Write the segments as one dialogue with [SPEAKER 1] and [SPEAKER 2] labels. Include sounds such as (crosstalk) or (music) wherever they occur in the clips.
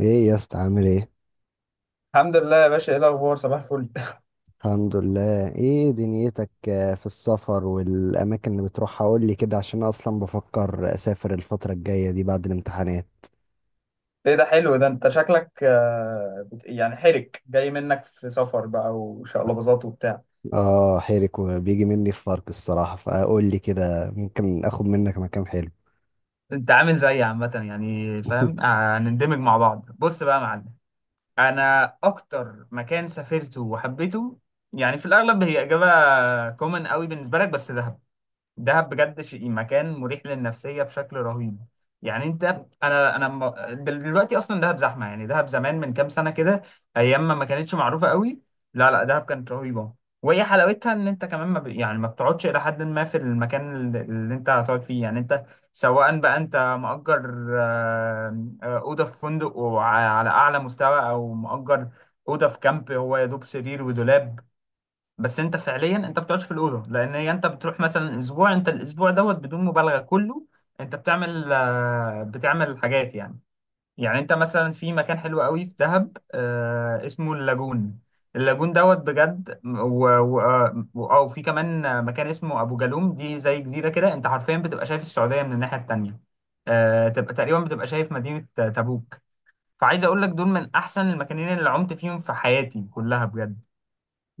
[SPEAKER 1] ايه يا اسطى عامل ايه؟
[SPEAKER 2] الحمد لله يا باشا، ايه الاخبار؟ صباح الفل. (laughs)
[SPEAKER 1] الحمد لله. ايه دنيتك؟ في السفر والاماكن اللي بتروحها، قول لي كده، عشان أنا اصلا بفكر اسافر الفتره الجايه دي بعد الامتحانات.
[SPEAKER 2] ايه ده حلو، ده انت شكلك يعني حرك جاي منك في سفر بقى وشقلباظات وبتاع.
[SPEAKER 1] اه حيرك وبيجي مني في فرق الصراحه، فقول لي كده، ممكن اخد منك مكان حلو.
[SPEAKER 2] انت عامل زيي عامة، يعني فاهم،
[SPEAKER 1] (laughs)
[SPEAKER 2] هنندمج مع بعض. بص بقى يا معلم، انا اكتر مكان سافرته وحبيته، يعني في الاغلب هي اجابة كومن قوي بالنسبة لك، بس دهب. دهب بجد شيء، مكان مريح للنفسية بشكل رهيب. يعني انت، انا انا م- دلوقتي اصلا دهب زحمة، يعني دهب زمان من كام سنة كده، ايام ما كانتش معروفة قوي. لا لا، دهب كانت رهيبة. وهي حلاوتها ان انت كمان ما ب... يعني ما بتقعدش الى حد ما في المكان اللي انت هتقعد فيه. يعني انت، سواء بقى انت مأجر أوضة في فندق على اعلى مستوى، او مأجر أوضة في كامب هو يا دوب سرير ودولاب. بس انت فعليا انت ما بتقعدش في الاوضه، لان هي انت بتروح مثلا اسبوع، انت الاسبوع دوت بدون مبالغه كله انت بتعمل حاجات يعني. يعني انت مثلا في مكان حلو قوي في دهب، اسمه اللاجون. اللاجون دوت بجد، و... و... آه، او في كمان مكان اسمه ابو جالوم. دي زي جزيره كده، انت حرفيا بتبقى شايف السعوديه من الناحيه التانيه، تبقى تقريبا بتبقى شايف مدينه تبوك. فعايز اقول لك دول من احسن المكانين اللي عمت فيهم في حياتي كلها بجد.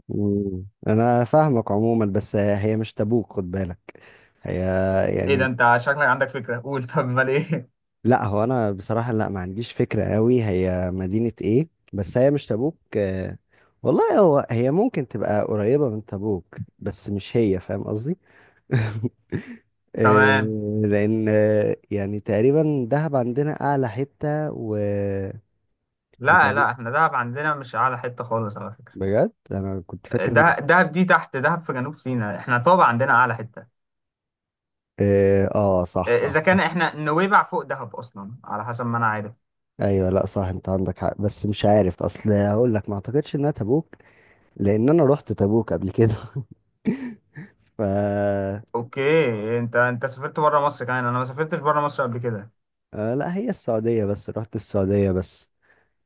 [SPEAKER 1] مم. انا فاهمك عموما، بس هي مش تبوك، خد بالك. هي
[SPEAKER 2] ايه ده،
[SPEAKER 1] يعني،
[SPEAKER 2] انت شكلك عندك فكرة، قول. (laughs) طب امال ايه؟
[SPEAKER 1] لا، هو انا بصراحة لا، ما عنديش فكرة قوي هي مدينة ايه، بس هي مش تبوك. والله، هو هي ممكن تبقى قريبة من تبوك، بس مش هي، فاهم قصدي؟ (laughs)
[SPEAKER 2] (laughs)
[SPEAKER 1] آه،
[SPEAKER 2] تمام.
[SPEAKER 1] لان يعني تقريبا دهب عندنا اعلى حتة
[SPEAKER 2] لا
[SPEAKER 1] وتقريبا،
[SPEAKER 2] لا، احنا دهب عندنا مش اعلى حتة خالص على فكرة.
[SPEAKER 1] بجد انا كنت فاكر
[SPEAKER 2] دهب دهب دي تحت، دهب في جنوب سيناء، احنا طبعا عندنا اعلى حتة،
[SPEAKER 1] اه صح صح
[SPEAKER 2] اذا
[SPEAKER 1] صح.
[SPEAKER 2] كان احنا نويبع فوق دهب اصلا على حسب ما انا عارف.
[SPEAKER 1] ايوه، لا صح، انت عندك حق، بس مش عارف اصل، هقول لك ما اعتقدش انها تبوك، لان انا رحت تبوك قبل كده. (laughs) ف
[SPEAKER 2] اوكي، انت سافرت بره مصر كمان، انا ما سافرتش بره مصر قبل كده.
[SPEAKER 1] لا، هي السعودية بس، رحت السعودية بس،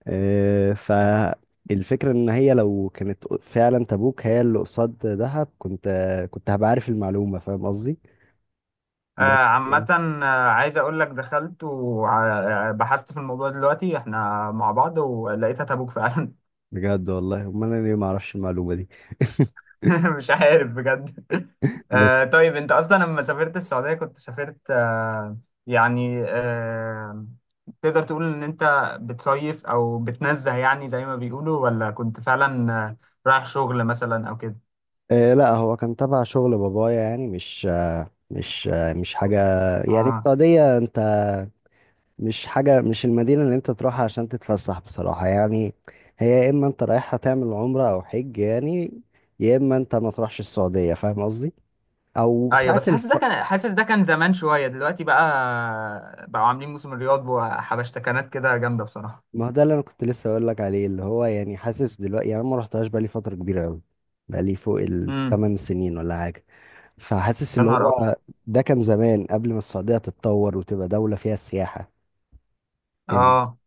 [SPEAKER 1] فالفكرة ان هي لو كانت فعلا تبوك، هي اللي قصاد دهب، كنت هبقى عارف المعلومة، فاهم قصدي؟
[SPEAKER 2] آه
[SPEAKER 1] بس.
[SPEAKER 2] عامة، عايز اقول لك دخلت وبحثت في الموضوع دلوقتي احنا مع بعض، ولقيتها تبوك فعلا.
[SPEAKER 1] بجد والله، امال انا ليه ما اعرفش المعلومة دي؟
[SPEAKER 2] (laughs) مش عارف بجد.
[SPEAKER 1] (laughs) بس.
[SPEAKER 2] آه طيب، انت اصلا لما سافرت السعودية كنت سافرت، يعني تقدر تقول ان انت بتصيف او بتنزه يعني زي ما بيقولوا، ولا كنت فعلا رايح شغل مثلا او كده.
[SPEAKER 1] لا، هو كان تبع شغل بابايا، يعني مش، مش حاجة، يعني
[SPEAKER 2] اه
[SPEAKER 1] السعودية، انت مش حاجة، مش المدينة اللي انت تروحها عشان تتفسح بصراحة يعني، هي يا اما انت رايحها تعمل عمرة او حج، يعني يا اما انت ما تروحش السعودية، فاهم قصدي؟ او
[SPEAKER 2] ايوه،
[SPEAKER 1] ساعات
[SPEAKER 2] بس حاسس ده كان حاسس ده كان زمان شوية، دلوقتي بقى بقوا عاملين موسم الرياض وحبشتكنات كده جامدة بصراحة.
[SPEAKER 1] ما هو ده اللي انا كنت لسه اقول لك عليه، اللي هو يعني حاسس دلوقتي، يعني انا ما رحتهاش بقالي فترة كبيرة قوي، بقالي فوق
[SPEAKER 2] امم.
[SPEAKER 1] 8 سنين ولا حاجة، فحاسس
[SPEAKER 2] يا
[SPEAKER 1] اللي
[SPEAKER 2] نهار ابيض.
[SPEAKER 1] هو ده كان زمان قبل ما السعودية تتطور وتبقى دولة فيها سياحة إن-
[SPEAKER 2] اه،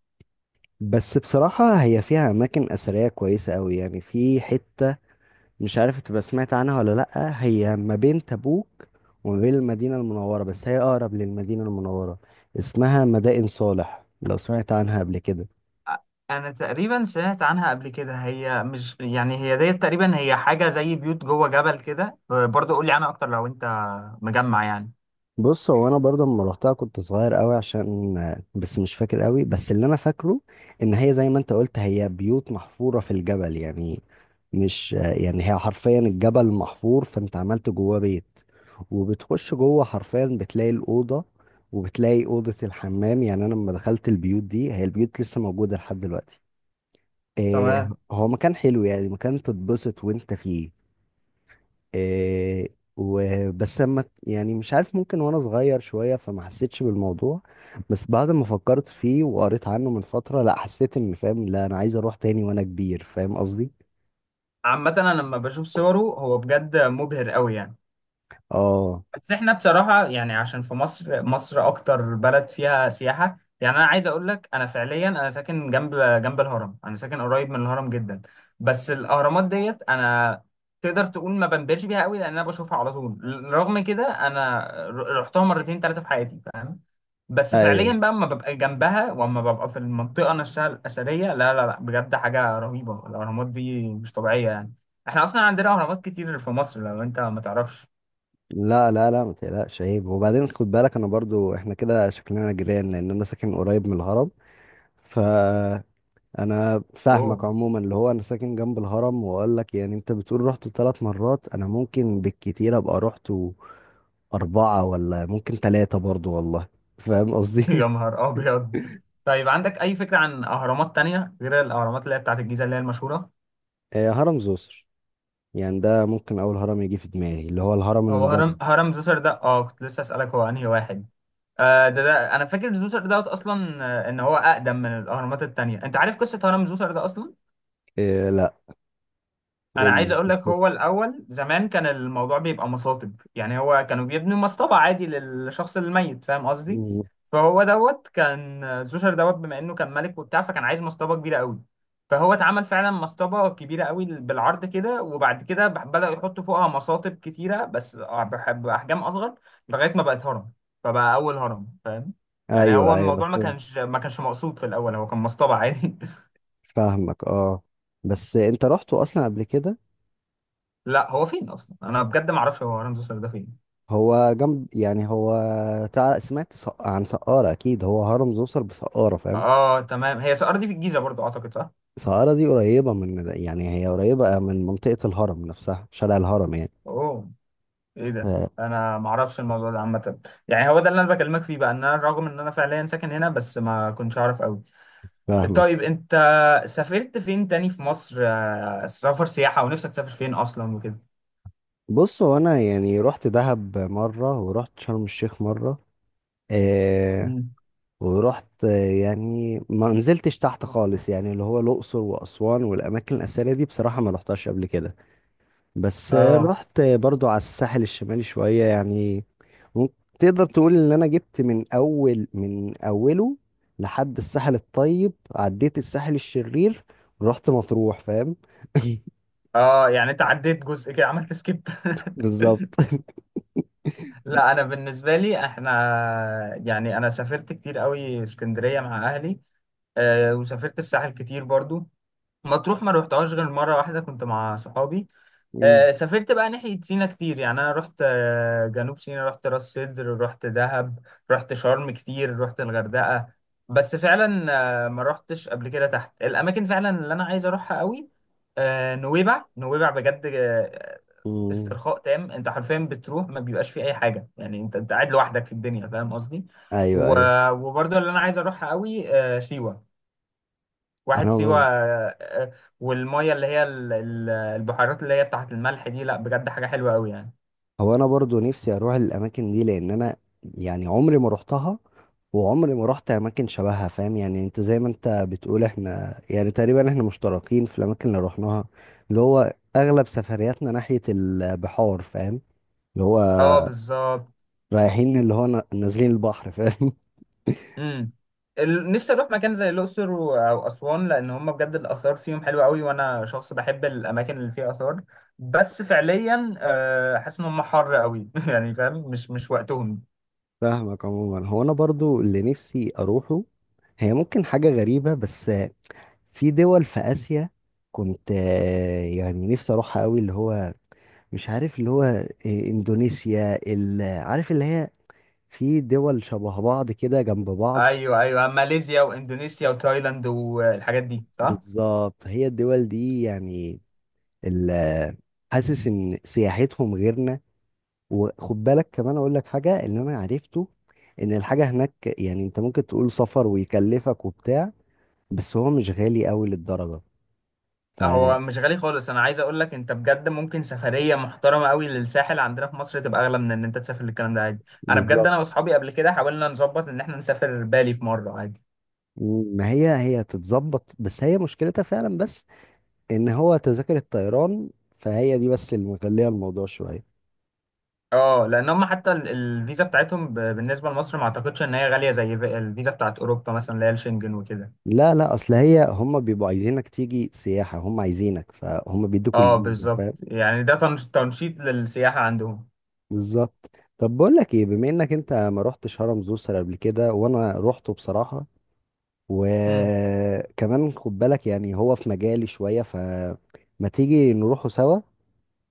[SPEAKER 1] بس بصراحة هي فيها أماكن أثرية كويسة أوي، يعني في حتة، مش عارف تبقى سمعت عنها ولا لأ، هي ما بين تبوك وما بين المدينة المنورة، بس هي أقرب للمدينة المنورة، اسمها مدائن صالح، لو سمعت عنها قبل كده.
[SPEAKER 2] انا تقريبا سمعت عنها قبل كده، هي مش، يعني هي ديت تقريبا هي حاجه زي بيوت جوه جبل كده، برضه قول لي عنها اكتر لو انت مجمع يعني.
[SPEAKER 1] بص، هو انا برضه لما روحتها كنت صغير قوي، عشان، بس مش فاكر قوي، بس اللي انا فاكره ان هي زي ما انت قلت، هي بيوت محفورة في الجبل، يعني مش، يعني هي حرفيا الجبل محفور فانت عملت جواه بيت، وبتخش جوه حرفيا بتلاقي الأوضة وبتلاقي أوضة الحمام. يعني انا لما دخلت البيوت دي، هي البيوت لسه موجودة لحد دلوقتي. إيه،
[SPEAKER 2] تمام.
[SPEAKER 1] هو مكان حلو، يعني مكان تتبسط وانت فيه. إيه، وبس لما يعني مش عارف، ممكن وانا صغير شوية فما حسيتش بالموضوع، بس بعد ما فكرت فيه وقريت عنه من فترة، لا حسيت ان فاهم، لا انا عايز اروح تاني وانا كبير، فاهم قصدي؟
[SPEAKER 2] عامه انا لما بشوف صوره هو بجد مبهر قوي يعني.
[SPEAKER 1] اه.
[SPEAKER 2] بس احنا بصراحة يعني، عشان في مصر، مصر أكتر بلد فيها سياحة، يعني أنا عايز أقول لك أنا فعليا أنا ساكن جنب جنب الهرم، أنا ساكن قريب من الهرم جدا. بس الأهرامات ديت أنا تقدر تقول ما بنبهرش بيها قوي لأن أنا بشوفها على طول. رغم كده أنا رحتها مرتين ثلاثة في حياتي، فاهم. بس فعليا
[SPEAKER 1] ايوه،
[SPEAKER 2] بقى لما ببقى جنبها وأما ببقى في المنطقة نفسها الأثرية، لا لا لا، بجد حاجة رهيبة، الأهرامات دي مش طبيعية يعني. احنا أصلا عندنا أهرامات كتير في مصر لو أنت ما تعرفش.
[SPEAKER 1] لا لا لا، ما تقلقش عيب. وبعدين خد بالك، انا برضو احنا كده شكلنا جيران، لان انا ساكن قريب من الهرم ف انا فاهمك
[SPEAKER 2] أوه.
[SPEAKER 1] عموما، اللي هو انا ساكن جنب الهرم، واقول لك يعني انت بتقول رحت 3 مرات، انا ممكن بالكتير ابقى رحت اربعة، ولا ممكن ثلاثة برضو والله، فاهم
[SPEAKER 2] (laughs)
[SPEAKER 1] قصدي؟
[SPEAKER 2] يا
[SPEAKER 1] (laughs)
[SPEAKER 2] نهار ابيض. طيب عندك اي فكره عن اهرامات تانية غير الاهرامات اللي هي بتاعت الجيزه اللي هي المشهوره؟
[SPEAKER 1] هرم زوسر، يعني ده ممكن اول هرم يجي في دماغي، اللي هو الهرم
[SPEAKER 2] هو
[SPEAKER 1] المدرج.
[SPEAKER 2] هرم زوسر ده، اه كنت لسه اسالك هو انهي واحد. آه ده انا فاكر زوسر دوت اصلا، ان هو اقدم من الاهرامات التانية. انت عارف قصه هرم زوسر ده اصلا؟
[SPEAKER 1] إيه لا،
[SPEAKER 2] انا
[SPEAKER 1] قول
[SPEAKER 2] عايز
[SPEAKER 1] لي (laughs)
[SPEAKER 2] اقول لك
[SPEAKER 1] قصته.
[SPEAKER 2] هو الاول زمان كان الموضوع بيبقى مصاطب، يعني هو كانوا بيبنوا مصطبة عادي للشخص الميت، فاهم قصدي.
[SPEAKER 1] مم.
[SPEAKER 2] فهو دوت كان زوسر دوت بما انه كان ملك وبتاع، فكان عايز مصطبة كبيرة قوي. فهو اتعمل فعلا مصطبة كبيرة قوي بالعرض كده، وبعد كده بدأوا يحطوا فوقها مصاطب كتيرة بس بأحجام أصغر، لغاية ما بقت هرم. فبقى أول هرم، فاهم. يعني هو
[SPEAKER 1] ايوه ايوه
[SPEAKER 2] الموضوع ما
[SPEAKER 1] فاهم.
[SPEAKER 2] كانش ما كانش مقصود في الأول، هو كان مصطبة عادي. (laughs)
[SPEAKER 1] فاهمك اه، بس انت رحته اصلا قبل كده؟
[SPEAKER 2] لا، هو فين أصلا، أنا بجد ما أعرفش هو هرم زوسر ده فين.
[SPEAKER 1] هو جنب، يعني هو سمعت عن سقارة، اكيد هو هرم زوسر بسقارة، فاهم؟
[SPEAKER 2] اه تمام، هي سقارة دي في الجيزة برضو اعتقد صح؟
[SPEAKER 1] سهارة دي قريبة من، يعني هي قريبة من منطقة الهرم نفسها، شارع الهرم يعني.
[SPEAKER 2] اوه. ايه ده؟
[SPEAKER 1] آه،
[SPEAKER 2] انا ما اعرفش الموضوع ده عامة، يعني هو ده اللي انا بكلمك فيه بقى، ان انا رغم ان انا فعليا ساكن هنا بس ما كنتش اعرف قوي.
[SPEAKER 1] فاهمك.
[SPEAKER 2] طيب انت سافرت فين تاني في مصر، سفر سياحة، ونفسك تسافر فين اصلا وكده؟
[SPEAKER 1] بص، هو أنا يعني رحت دهب مرة ورحت شرم الشيخ مرة آه
[SPEAKER 2] مم.
[SPEAKER 1] ورحت يعني ما نزلتش تحت خالص، يعني اللي هو الأقصر وأسوان والأماكن الأثرية دي بصراحة ما رحتهاش قبل كده، بس
[SPEAKER 2] اه
[SPEAKER 1] رحت برضو على الساحل الشمالي شوية يعني. مم. تقدر تقول ان انا جبت من اول من اوله لحد الساحل الطيب، عديت الساحل الشرير ورحت مطروح، فاهم؟ (laughs)
[SPEAKER 2] اه، يعني انت عديت جزء كده، عملت سكيب.
[SPEAKER 1] بالظبط.
[SPEAKER 2] (laughs) لا، انا بالنسبة لي احنا يعني انا سافرت كتير قوي اسكندرية مع اهلي، وسافرت الساحل كتير برضو. مطروح ما روحتهاش غير مرة واحدة كنت مع صحابي.
[SPEAKER 1] مم.
[SPEAKER 2] سافرت بقى ناحية سينا كتير، يعني أنا رحت جنوب سينا، رحت راس سدر، رحت دهب، رحت شرم كتير، رحت الغردقة. بس فعلا ما رحتش قبل كده تحت، الأماكن فعلا اللي أنا عايز أروحها قوي نويبع. نويبع بجد،
[SPEAKER 1] مم.
[SPEAKER 2] استرخاء تام، أنت حرفيا بتروح ما بيبقاش فيه أي حاجة، يعني أنت قاعد لوحدك في الدنيا فاهم قصدي.
[SPEAKER 1] ايوه ايوه،
[SPEAKER 2] وبرضه اللي أنا عايز أروحها قوي سيوة. واحد
[SPEAKER 1] انا
[SPEAKER 2] سيوة،
[SPEAKER 1] ب...
[SPEAKER 2] والمية اللي هي البحيرات اللي هي بتاعة الملح دي، لا بجد حاجة حلوة قوي يعني.
[SPEAKER 1] هو انا برضو نفسي اروح الاماكن دي، لان انا يعني عمري ما رحتها، وعمري ما رحت اماكن شبهها، فاهم؟ يعني انت زي ما انت بتقول، احنا يعني تقريبا احنا مشتركين في الاماكن اللي رحناها، اللي هو اغلب سفرياتنا ناحية البحار، فاهم؟ اللي هو
[SPEAKER 2] اه بالظبط.
[SPEAKER 1] رايحين، اللي هو نازلين البحر، فاهم؟
[SPEAKER 2] امم. نفسي اروح مكان زي الاقصر او اسوان، لان هم بجد الاثار فيهم حلوه قوي وانا شخص بحب الاماكن اللي فيها اثار. بس فعليا حاسس ان هم حر قوي. (laughs) يعني فاهم، مش وقتهم.
[SPEAKER 1] (laughs) فاهمك عموما، هو انا برضو اللي نفسي اروحه، هي ممكن حاجة غريبة بس، في دول في آسيا كنت يعني نفسي اروحها قوي، اللي هو مش عارف اللي هو اندونيسيا، عارف اللي هي، في دول شبه بعض كده جنب بعض.
[SPEAKER 2] ايوه ايوه، ماليزيا واندونيسيا وتايلاند والحاجات دي صح.
[SPEAKER 1] بالظبط، هي الدول دي يعني، ال- حاسس ان سياحتهم غيرنا. وخد بالك كمان اقول لك حاجه، اللي انا عرفته ان الحاجه هناك، يعني انت ممكن تقول سفر ويكلفك وبتاع، بس هو مش غالي قوي للدرجه ف
[SPEAKER 2] هو مش غالي خالص، انا عايز اقول لك انت بجد ممكن سفريه محترمه قوي للساحل عندنا في مصر تبقى اغلى من ان انت تسافر للكلام ده عادي. انا بجد انا
[SPEAKER 1] بالظبط.
[SPEAKER 2] واصحابي قبل كده حاولنا نظبط ان احنا نسافر بالي في مره عادي.
[SPEAKER 1] ما هي، هي تتظبط، بس هي مشكلتها فعلا، بس ان هو تذاكر الطيران، فهي دي بس اللي مخليه الموضوع شويه.
[SPEAKER 2] اه، لان هم حتى الفيزا بتاعتهم بالنسبه لمصر ما اعتقدش ان هي غاليه زي الفيزا بتاعت اوروبا مثلا اللي هي الشنجن وكده.
[SPEAKER 1] لا لا، اصل هي هم بيبقوا عايزينك تيجي سياحه، هم عايزينك فهم بيدوك
[SPEAKER 2] اه
[SPEAKER 1] الفيزا،
[SPEAKER 2] بالظبط،
[SPEAKER 1] فاهم؟
[SPEAKER 2] يعني ده تنشيط للسياحه عندهم.
[SPEAKER 1] بالظبط. طب بقول لك ايه، بما انك انت ما رحتش هرم زوسر قبل كده وانا روحته بصراحه،
[SPEAKER 2] مم.
[SPEAKER 1] وكمان خد بالك يعني هو في مجالي شوية، فما تيجي نروحوا سوا،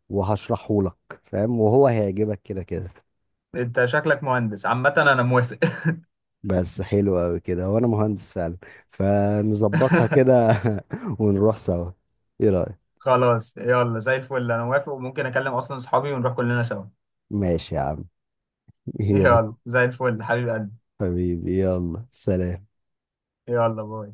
[SPEAKER 1] وهشرحه لك، فاهم؟ وهو هيعجبك كده كده.
[SPEAKER 2] انت شكلك مهندس، عامه انا موافق.
[SPEAKER 1] بس حلو قوي كده، وانا مهندس فعلا، فنظبطها
[SPEAKER 2] (laughs)
[SPEAKER 1] كده (laughs) ونروح سوا. ايه رأيك؟
[SPEAKER 2] خلاص يلا زي الفل، انا موافق وممكن اكلم اصلا اصحابي ونروح كلنا سوا.
[SPEAKER 1] ماشي يا عم. (laughs) يلا.
[SPEAKER 2] يلا زي الفل حبيب قلبي.
[SPEAKER 1] حبيبي يلا سلام.
[SPEAKER 2] يلا باي.